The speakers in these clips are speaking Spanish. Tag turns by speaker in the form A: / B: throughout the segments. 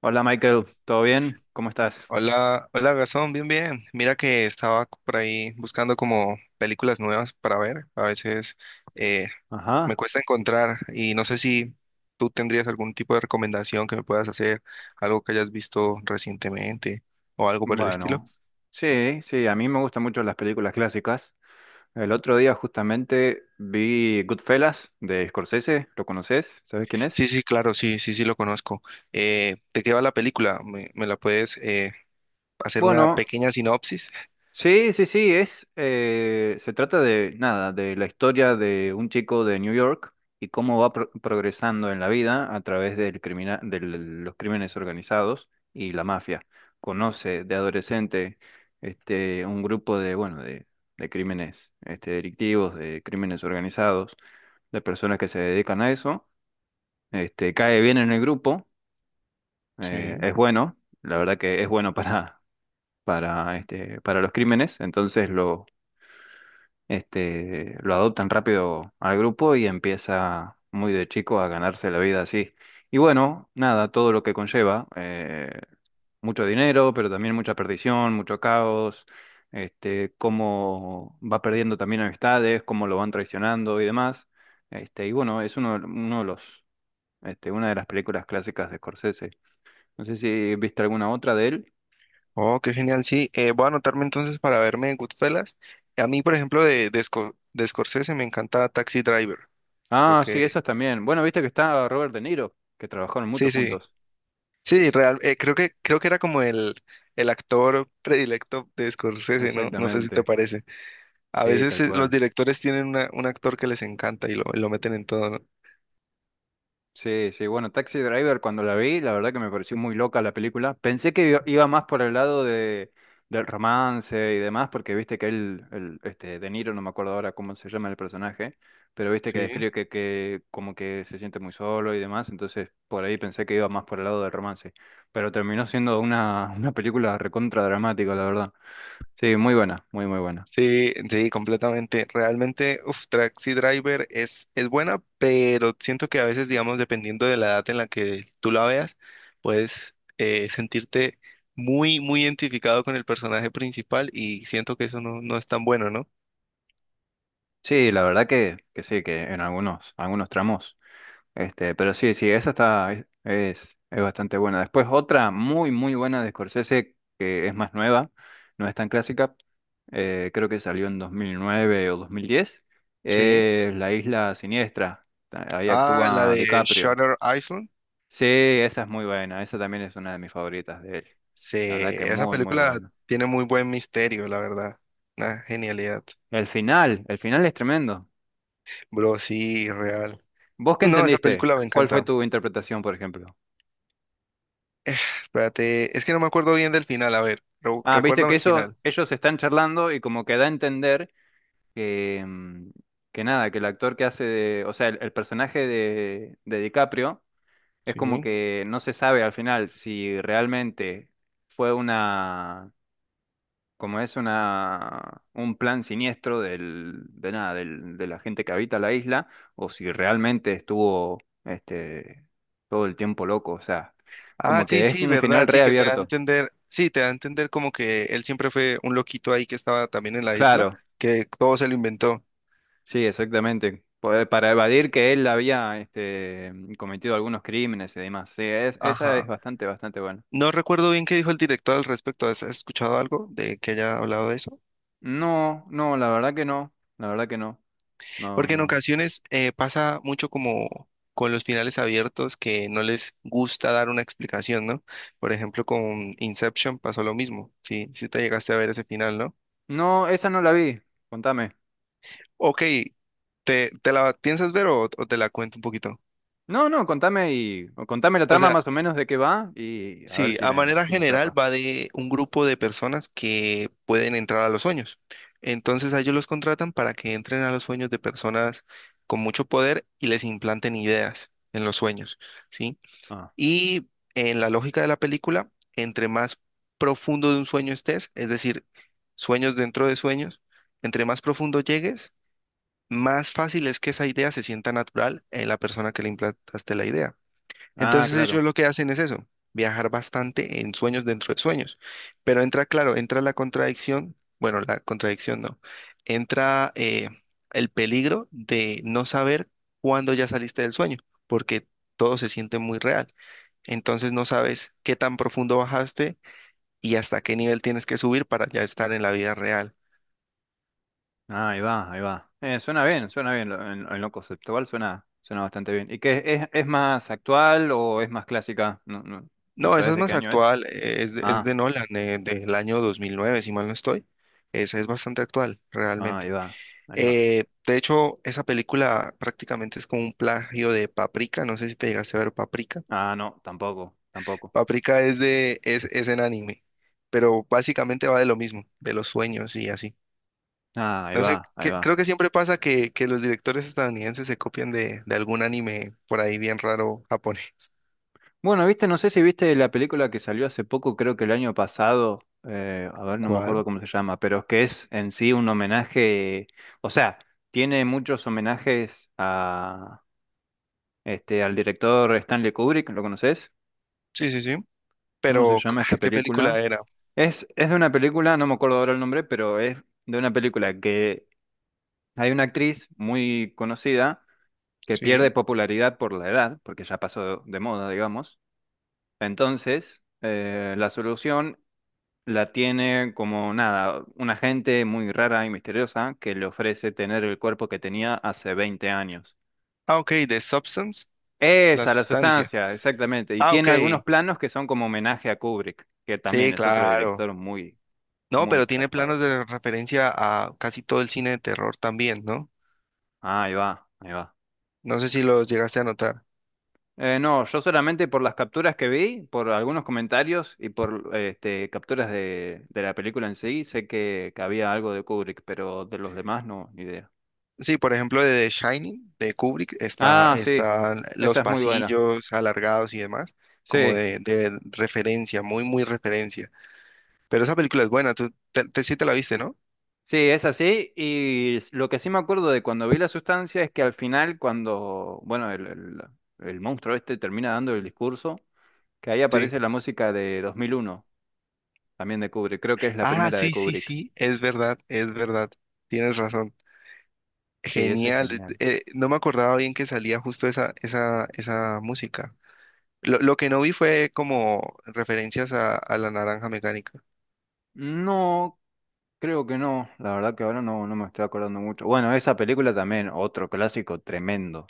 A: Hola, Michael, ¿todo bien? ¿Cómo estás?
B: Hola, hola Gastón, bien, bien. Mira que estaba por ahí buscando como películas nuevas para ver. A veces eh, me
A: Ajá.
B: cuesta encontrar y no sé si tú tendrías algún tipo de recomendación que me puedas hacer, algo que hayas visto recientemente o algo por el estilo.
A: Bueno, sí, sí, a mí me gustan mucho las películas clásicas. El otro día justamente vi Goodfellas de Scorsese, ¿lo conoces? ¿Sabes quién
B: Sí,
A: es?
B: sí, claro, sí, sí, sí lo conozco. ¿De qué va la película? ¿Me la puedes hacer una
A: Bueno,
B: pequeña sinopsis?
A: sí, sí, sí, es, se trata de nada, de la historia de un chico de New York y cómo va progresando en la vida a través del de los crímenes organizados y la mafia. Conoce de adolescente este, un grupo de, bueno, de crímenes este, delictivos, de crímenes organizados, de personas que se dedican a eso. Este, cae bien en el grupo,
B: Sí.
A: es bueno, la verdad que es bueno para, este, para los crímenes, entonces lo este, lo adoptan rápido al grupo y empieza muy de chico a ganarse la vida así. Y bueno, nada, todo lo que conlleva, mucho dinero, pero también mucha perdición, mucho caos, este, cómo va perdiendo también amistades, cómo lo van traicionando y demás. Este, y bueno, es uno, uno de los, este, una de las películas clásicas de Scorsese. No sé si viste alguna otra de él.
B: Oh, qué genial, sí. Voy a anotarme entonces para verme en Goodfellas. A mí, por ejemplo, de Scorsese me encanta Taxi Driver. Creo
A: Ah, sí,
B: que,
A: esas también. Bueno, viste que está Robert De Niro, que trabajaron mucho
B: sí, sí,
A: juntos.
B: sí, real. Creo que era como el actor predilecto de Scorsese, ¿no? No sé si te
A: Exactamente.
B: parece. A
A: Sí,
B: veces
A: tal
B: los
A: cual.
B: directores tienen un actor que les encanta y y lo meten en todo, ¿no?
A: Sí, sí. Bueno, Taxi Driver, cuando la vi, la verdad que me pareció muy loca la película. Pensé que iba más por el lado de, del romance y demás, porque viste que él, el, este, De Niro, no me acuerdo ahora cómo se llama el personaje, pero viste que
B: Sí.
A: describe que como que se siente muy solo y demás, entonces por ahí pensé que iba más por el lado del romance. Pero terminó siendo una, una película recontra dramática, la verdad. Sí, muy buena, muy, muy buena.
B: Sí, sí, completamente. Realmente, uf, Taxi Driver es buena, pero siento que a veces, digamos, dependiendo de la edad en la que tú la veas, puedes sentirte muy, muy identificado con el personaje principal y siento que eso no, no es tan bueno, ¿no?
A: Sí, la verdad que sí, que en algunos, algunos tramos. Este, pero sí, sí, esa está, es bastante buena. Después otra muy, muy buena de Scorsese, que es más nueva, no es tan clásica, creo que salió en 2009 o 2010,
B: Sí.
A: es La Isla Siniestra. Ahí
B: Ah, la
A: actúa
B: de
A: DiCaprio.
B: Shutter Island.
A: Sí, esa es muy buena, esa también es una de mis favoritas de él.
B: Sí,
A: La verdad que
B: esa
A: muy, muy
B: película
A: buena.
B: tiene muy buen misterio, la verdad. Una genialidad.
A: El final es tremendo.
B: Bro, sí, real.
A: ¿Vos qué
B: No, esa
A: entendiste?
B: película me
A: ¿Cuál fue
B: encanta.
A: tu interpretación, por ejemplo?
B: Espérate, es que no me acuerdo bien del final, a ver,
A: Ah, viste que
B: recuérdame el
A: eso,
B: final.
A: ellos están charlando y como que da a entender que, que nada, que el actor que hace de, o sea, el personaje de DiCaprio es como
B: Sí.
A: que no se sabe al final si realmente fue una, como es una, un plan siniestro del, de nada, del, de la gente que habita la isla, o si realmente estuvo, este, todo el tiempo loco, o sea,
B: Ah,
A: como
B: sí,
A: que es
B: sí,
A: un final
B: verdad, sí, que te da a
A: reabierto.
B: entender, sí, te da a entender como que él siempre fue un loquito ahí que estaba también en la isla,
A: Claro.
B: que todo se lo inventó.
A: Sí, exactamente. Para evadir que él había este, cometido algunos crímenes y demás. Sí, esa es
B: Ajá.
A: bastante, bastante buena.
B: No recuerdo bien qué dijo el director al respecto. ¿Has escuchado algo de que haya hablado de eso?
A: No, no, la verdad que no. La verdad que no. No,
B: Porque en
A: no.
B: ocasiones pasa mucho como con los finales abiertos que no les gusta dar una explicación, ¿no? Por ejemplo, con Inception pasó lo mismo. Sí, sí te llegaste a ver ese final, ¿no?
A: No, esa no la vi. Contame.
B: Ok, ¿te la piensas ver o te la cuento un poquito?
A: No, no, contame y o contame la
B: O
A: trama
B: sea,
A: más o menos de qué va y a ver
B: sí,
A: si
B: a
A: me,
B: manera
A: si me
B: general
A: atrapa.
B: va de un grupo de personas que pueden entrar a los sueños. Entonces a ellos los contratan para que entren a los sueños de personas con mucho poder y les implanten ideas en los sueños, ¿sí?
A: Ah,
B: Y en la lógica de la película, entre más profundo de un sueño estés, es decir, sueños dentro de sueños, entre más profundo llegues, más fácil es que esa idea se sienta natural en la persona que le implantaste la idea.
A: ah,
B: Entonces
A: claro.
B: ellos lo que hacen es eso, viajar bastante en sueños dentro de sueños. Pero entra, claro, entra la contradicción, bueno, la contradicción no, entra el peligro de no saber cuándo ya saliste del sueño, porque todo se siente muy real. Entonces no sabes qué tan profundo bajaste y hasta qué nivel tienes que subir para ya estar en la vida real.
A: Ah, ahí va, ahí va. Suena bien, suena bien. En lo conceptual suena, suena bastante bien. ¿Y qué es más actual o es más clásica? No, no, no
B: No, esa
A: sabes
B: es
A: de qué
B: más
A: año es.
B: actual, es de, es
A: Ah.
B: de Nolan, del año 2009, si mal no estoy. Esa es bastante actual,
A: Ah, ahí
B: realmente.
A: va, ahí va.
B: De hecho, esa película prácticamente es como un plagio de Paprika, no sé si te llegaste a ver Paprika.
A: Ah, no, tampoco, tampoco.
B: Paprika es en anime, pero básicamente va de lo mismo, de los sueños y así.
A: Ah, ahí
B: No sé,
A: va, ahí va.
B: creo que siempre pasa que, los directores estadounidenses se copian de algún anime por ahí bien raro japonés.
A: Bueno, viste, no sé si viste la película que salió hace poco, creo que el año pasado, a ver, no me
B: ¿Cuál?
A: acuerdo cómo se llama, pero es que es en sí un homenaje, o sea, tiene muchos homenajes a este al director Stanley Kubrick, ¿lo conoces?
B: Sí, sí, sí.
A: ¿Cómo se
B: Pero,
A: llama
B: ah,
A: esta
B: ¿qué
A: película?
B: película era?
A: Es de una película, no me acuerdo ahora el nombre, pero es de una película que hay una actriz muy conocida que
B: Sí.
A: pierde popularidad por la edad, porque ya pasó de moda, digamos. Entonces, la solución la tiene como nada, una gente muy rara y misteriosa que le ofrece tener el cuerpo que tenía hace 20 años.
B: Ah, ok, de Substance, la
A: Esa, la
B: sustancia.
A: sustancia, exactamente. Y
B: Ah, ok,
A: tiene algunos planos que son como homenaje a Kubrick, que también
B: sí,
A: es otro
B: claro.
A: director muy,
B: No,
A: muy
B: pero tiene planos
A: zarpado.
B: de referencia a casi todo el cine de terror también, ¿no?
A: Ahí va, ahí va.
B: No sé si los llegaste a notar.
A: No, yo solamente por las capturas que vi, por algunos comentarios y por este, capturas de la película en sí, sé que había algo de Kubrick, pero de los demás no, ni idea.
B: Sí, por ejemplo, de The Shining, de Kubrick, está,
A: Ah, sí,
B: están
A: esa
B: los
A: es muy buena.
B: pasillos alargados y demás, como
A: Sí,
B: de referencia, muy, muy referencia. Pero esa película es buena, tú sí te la viste, ¿no?
A: sí, es así. Y lo que sí me acuerdo de cuando vi la sustancia es que al final, cuando, bueno, el monstruo este termina dando el discurso, que ahí
B: Sí.
A: aparece la música de 2001, también de Kubrick. Creo que es la
B: Ah,
A: primera de
B: sí, sí,
A: Kubrick.
B: sí, es verdad, es verdad. Tienes razón.
A: Sí, esa es
B: Genial,
A: genial.
B: no me acordaba bien que salía justo esa música. Lo que no vi fue como referencias a La naranja mecánica.
A: No. Creo que no, la verdad que ahora no, no me estoy acordando mucho. Bueno, esa película también, otro clásico tremendo.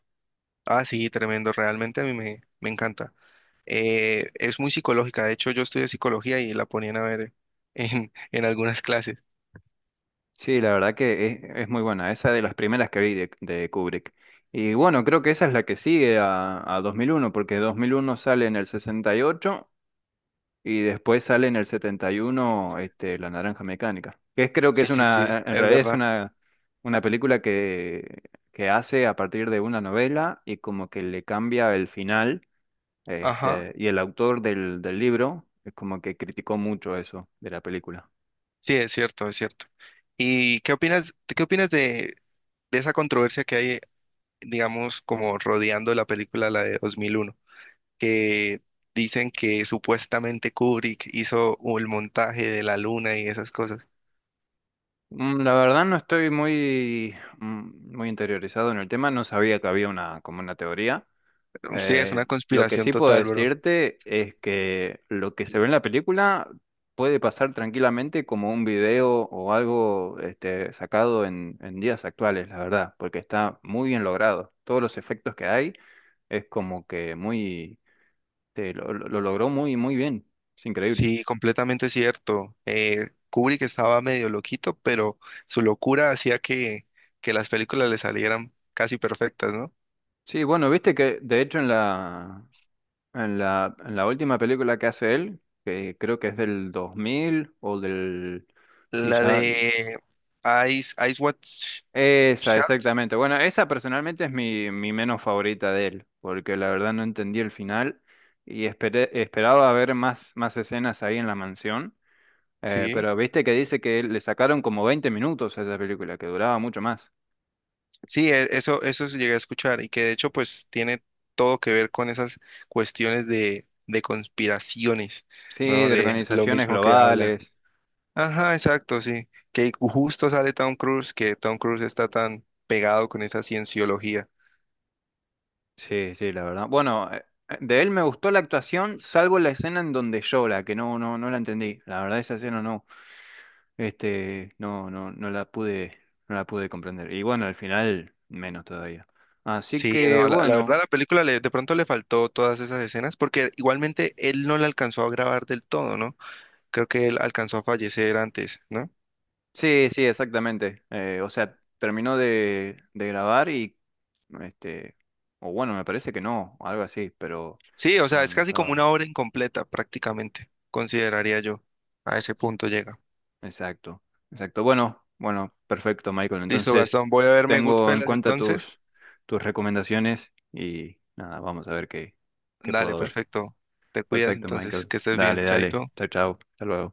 B: Ah, sí, tremendo, realmente a mí me encanta. Es muy psicológica, de hecho yo estudié psicología y la ponían a ver en, en algunas clases.
A: Sí, la verdad que es muy buena, esa de las primeras que vi de Kubrick. Y bueno, creo que esa es la que sigue a 2001, porque 2001 sale en el sesenta y ocho y después sale en el 71 este, La Naranja Mecánica. Que es, creo que
B: Sí,
A: es
B: sí, sí,
A: una, en
B: es
A: realidad es
B: verdad.
A: una película que hace a partir de una novela y como que le cambia el final.
B: Ajá,
A: Este, y el autor del, del libro es como que criticó mucho eso de la película.
B: sí, es cierto, es cierto. ¿Y qué opinas de esa controversia que hay, digamos, como rodeando la película, la de 2001? Que dicen que supuestamente Kubrick hizo el montaje de la luna y esas cosas.
A: La verdad no estoy muy, muy interiorizado en el tema, no sabía que había una, como una teoría.
B: Sí, es
A: Eh,
B: una
A: lo que
B: conspiración
A: sí puedo
B: total, bro.
A: decirte es que lo que se ve en la película puede pasar tranquilamente como un video o algo este, sacado en días actuales, la verdad, porque está muy bien logrado. Todos los efectos que hay es como que muy... Sí, lo, lo logró muy, muy bien. Es increíble.
B: Sí, completamente cierto. Kubrick estaba medio loquito, pero su locura hacía que las películas le salieran casi perfectas, ¿no?
A: Sí, bueno, viste que de hecho en la, en la, en la última película que hace él, que creo que es del 2000 o del... Sí,
B: La
A: ya...
B: de Eyes Wide
A: Esa,
B: Shut,
A: exactamente. Bueno, esa personalmente es mi, mi menos favorita de él, porque la verdad no entendí el final y esperaba ver más, más escenas ahí en la mansión,
B: sí.
A: pero viste que dice que le sacaron como 20 minutos a esa película, que duraba mucho más.
B: Sí, eso sí llegué a escuchar y que de hecho pues tiene todo que ver con esas cuestiones de conspiraciones,
A: Sí,
B: ¿no?
A: de
B: De lo
A: organizaciones
B: mismo que hablan.
A: globales.
B: Ajá, exacto, sí. Que justo sale Tom Cruise, que Tom Cruise está tan pegado con esa cienciología.
A: Sí, sí, la verdad. Bueno, de él me gustó la actuación, salvo la escena en donde llora, que no, no, no la entendí. La verdad, esa escena no, este, no, no, no la pude, no la pude comprender. Y bueno, al final, menos todavía. Así
B: Sí,
A: que
B: no, la verdad
A: bueno,
B: la película de pronto le faltó todas esas escenas porque igualmente él no la alcanzó a grabar del todo, ¿no? Creo que él alcanzó a fallecer antes, ¿no?
A: sí, sí, exactamente. O sea, terminó de grabar y, este, o bueno, me parece que no, algo así, pero
B: Sí, o sea,
A: no,
B: es
A: no
B: casi como
A: estaba.
B: una obra incompleta prácticamente, consideraría yo. A ese punto llega.
A: Exacto, exacto. Bueno, bueno, perfecto, Michael.
B: Listo,
A: Entonces,
B: Gastón, voy a verme
A: tengo en
B: Goodfellas
A: cuenta tus,
B: entonces.
A: tus recomendaciones y nada, vamos a ver qué, qué
B: Dale,
A: puedo ver.
B: perfecto. Te cuidas
A: Perfecto,
B: entonces,
A: Michael.
B: que estés bien,
A: Dale, dale.
B: chaito.
A: Chao, chao. Hasta luego.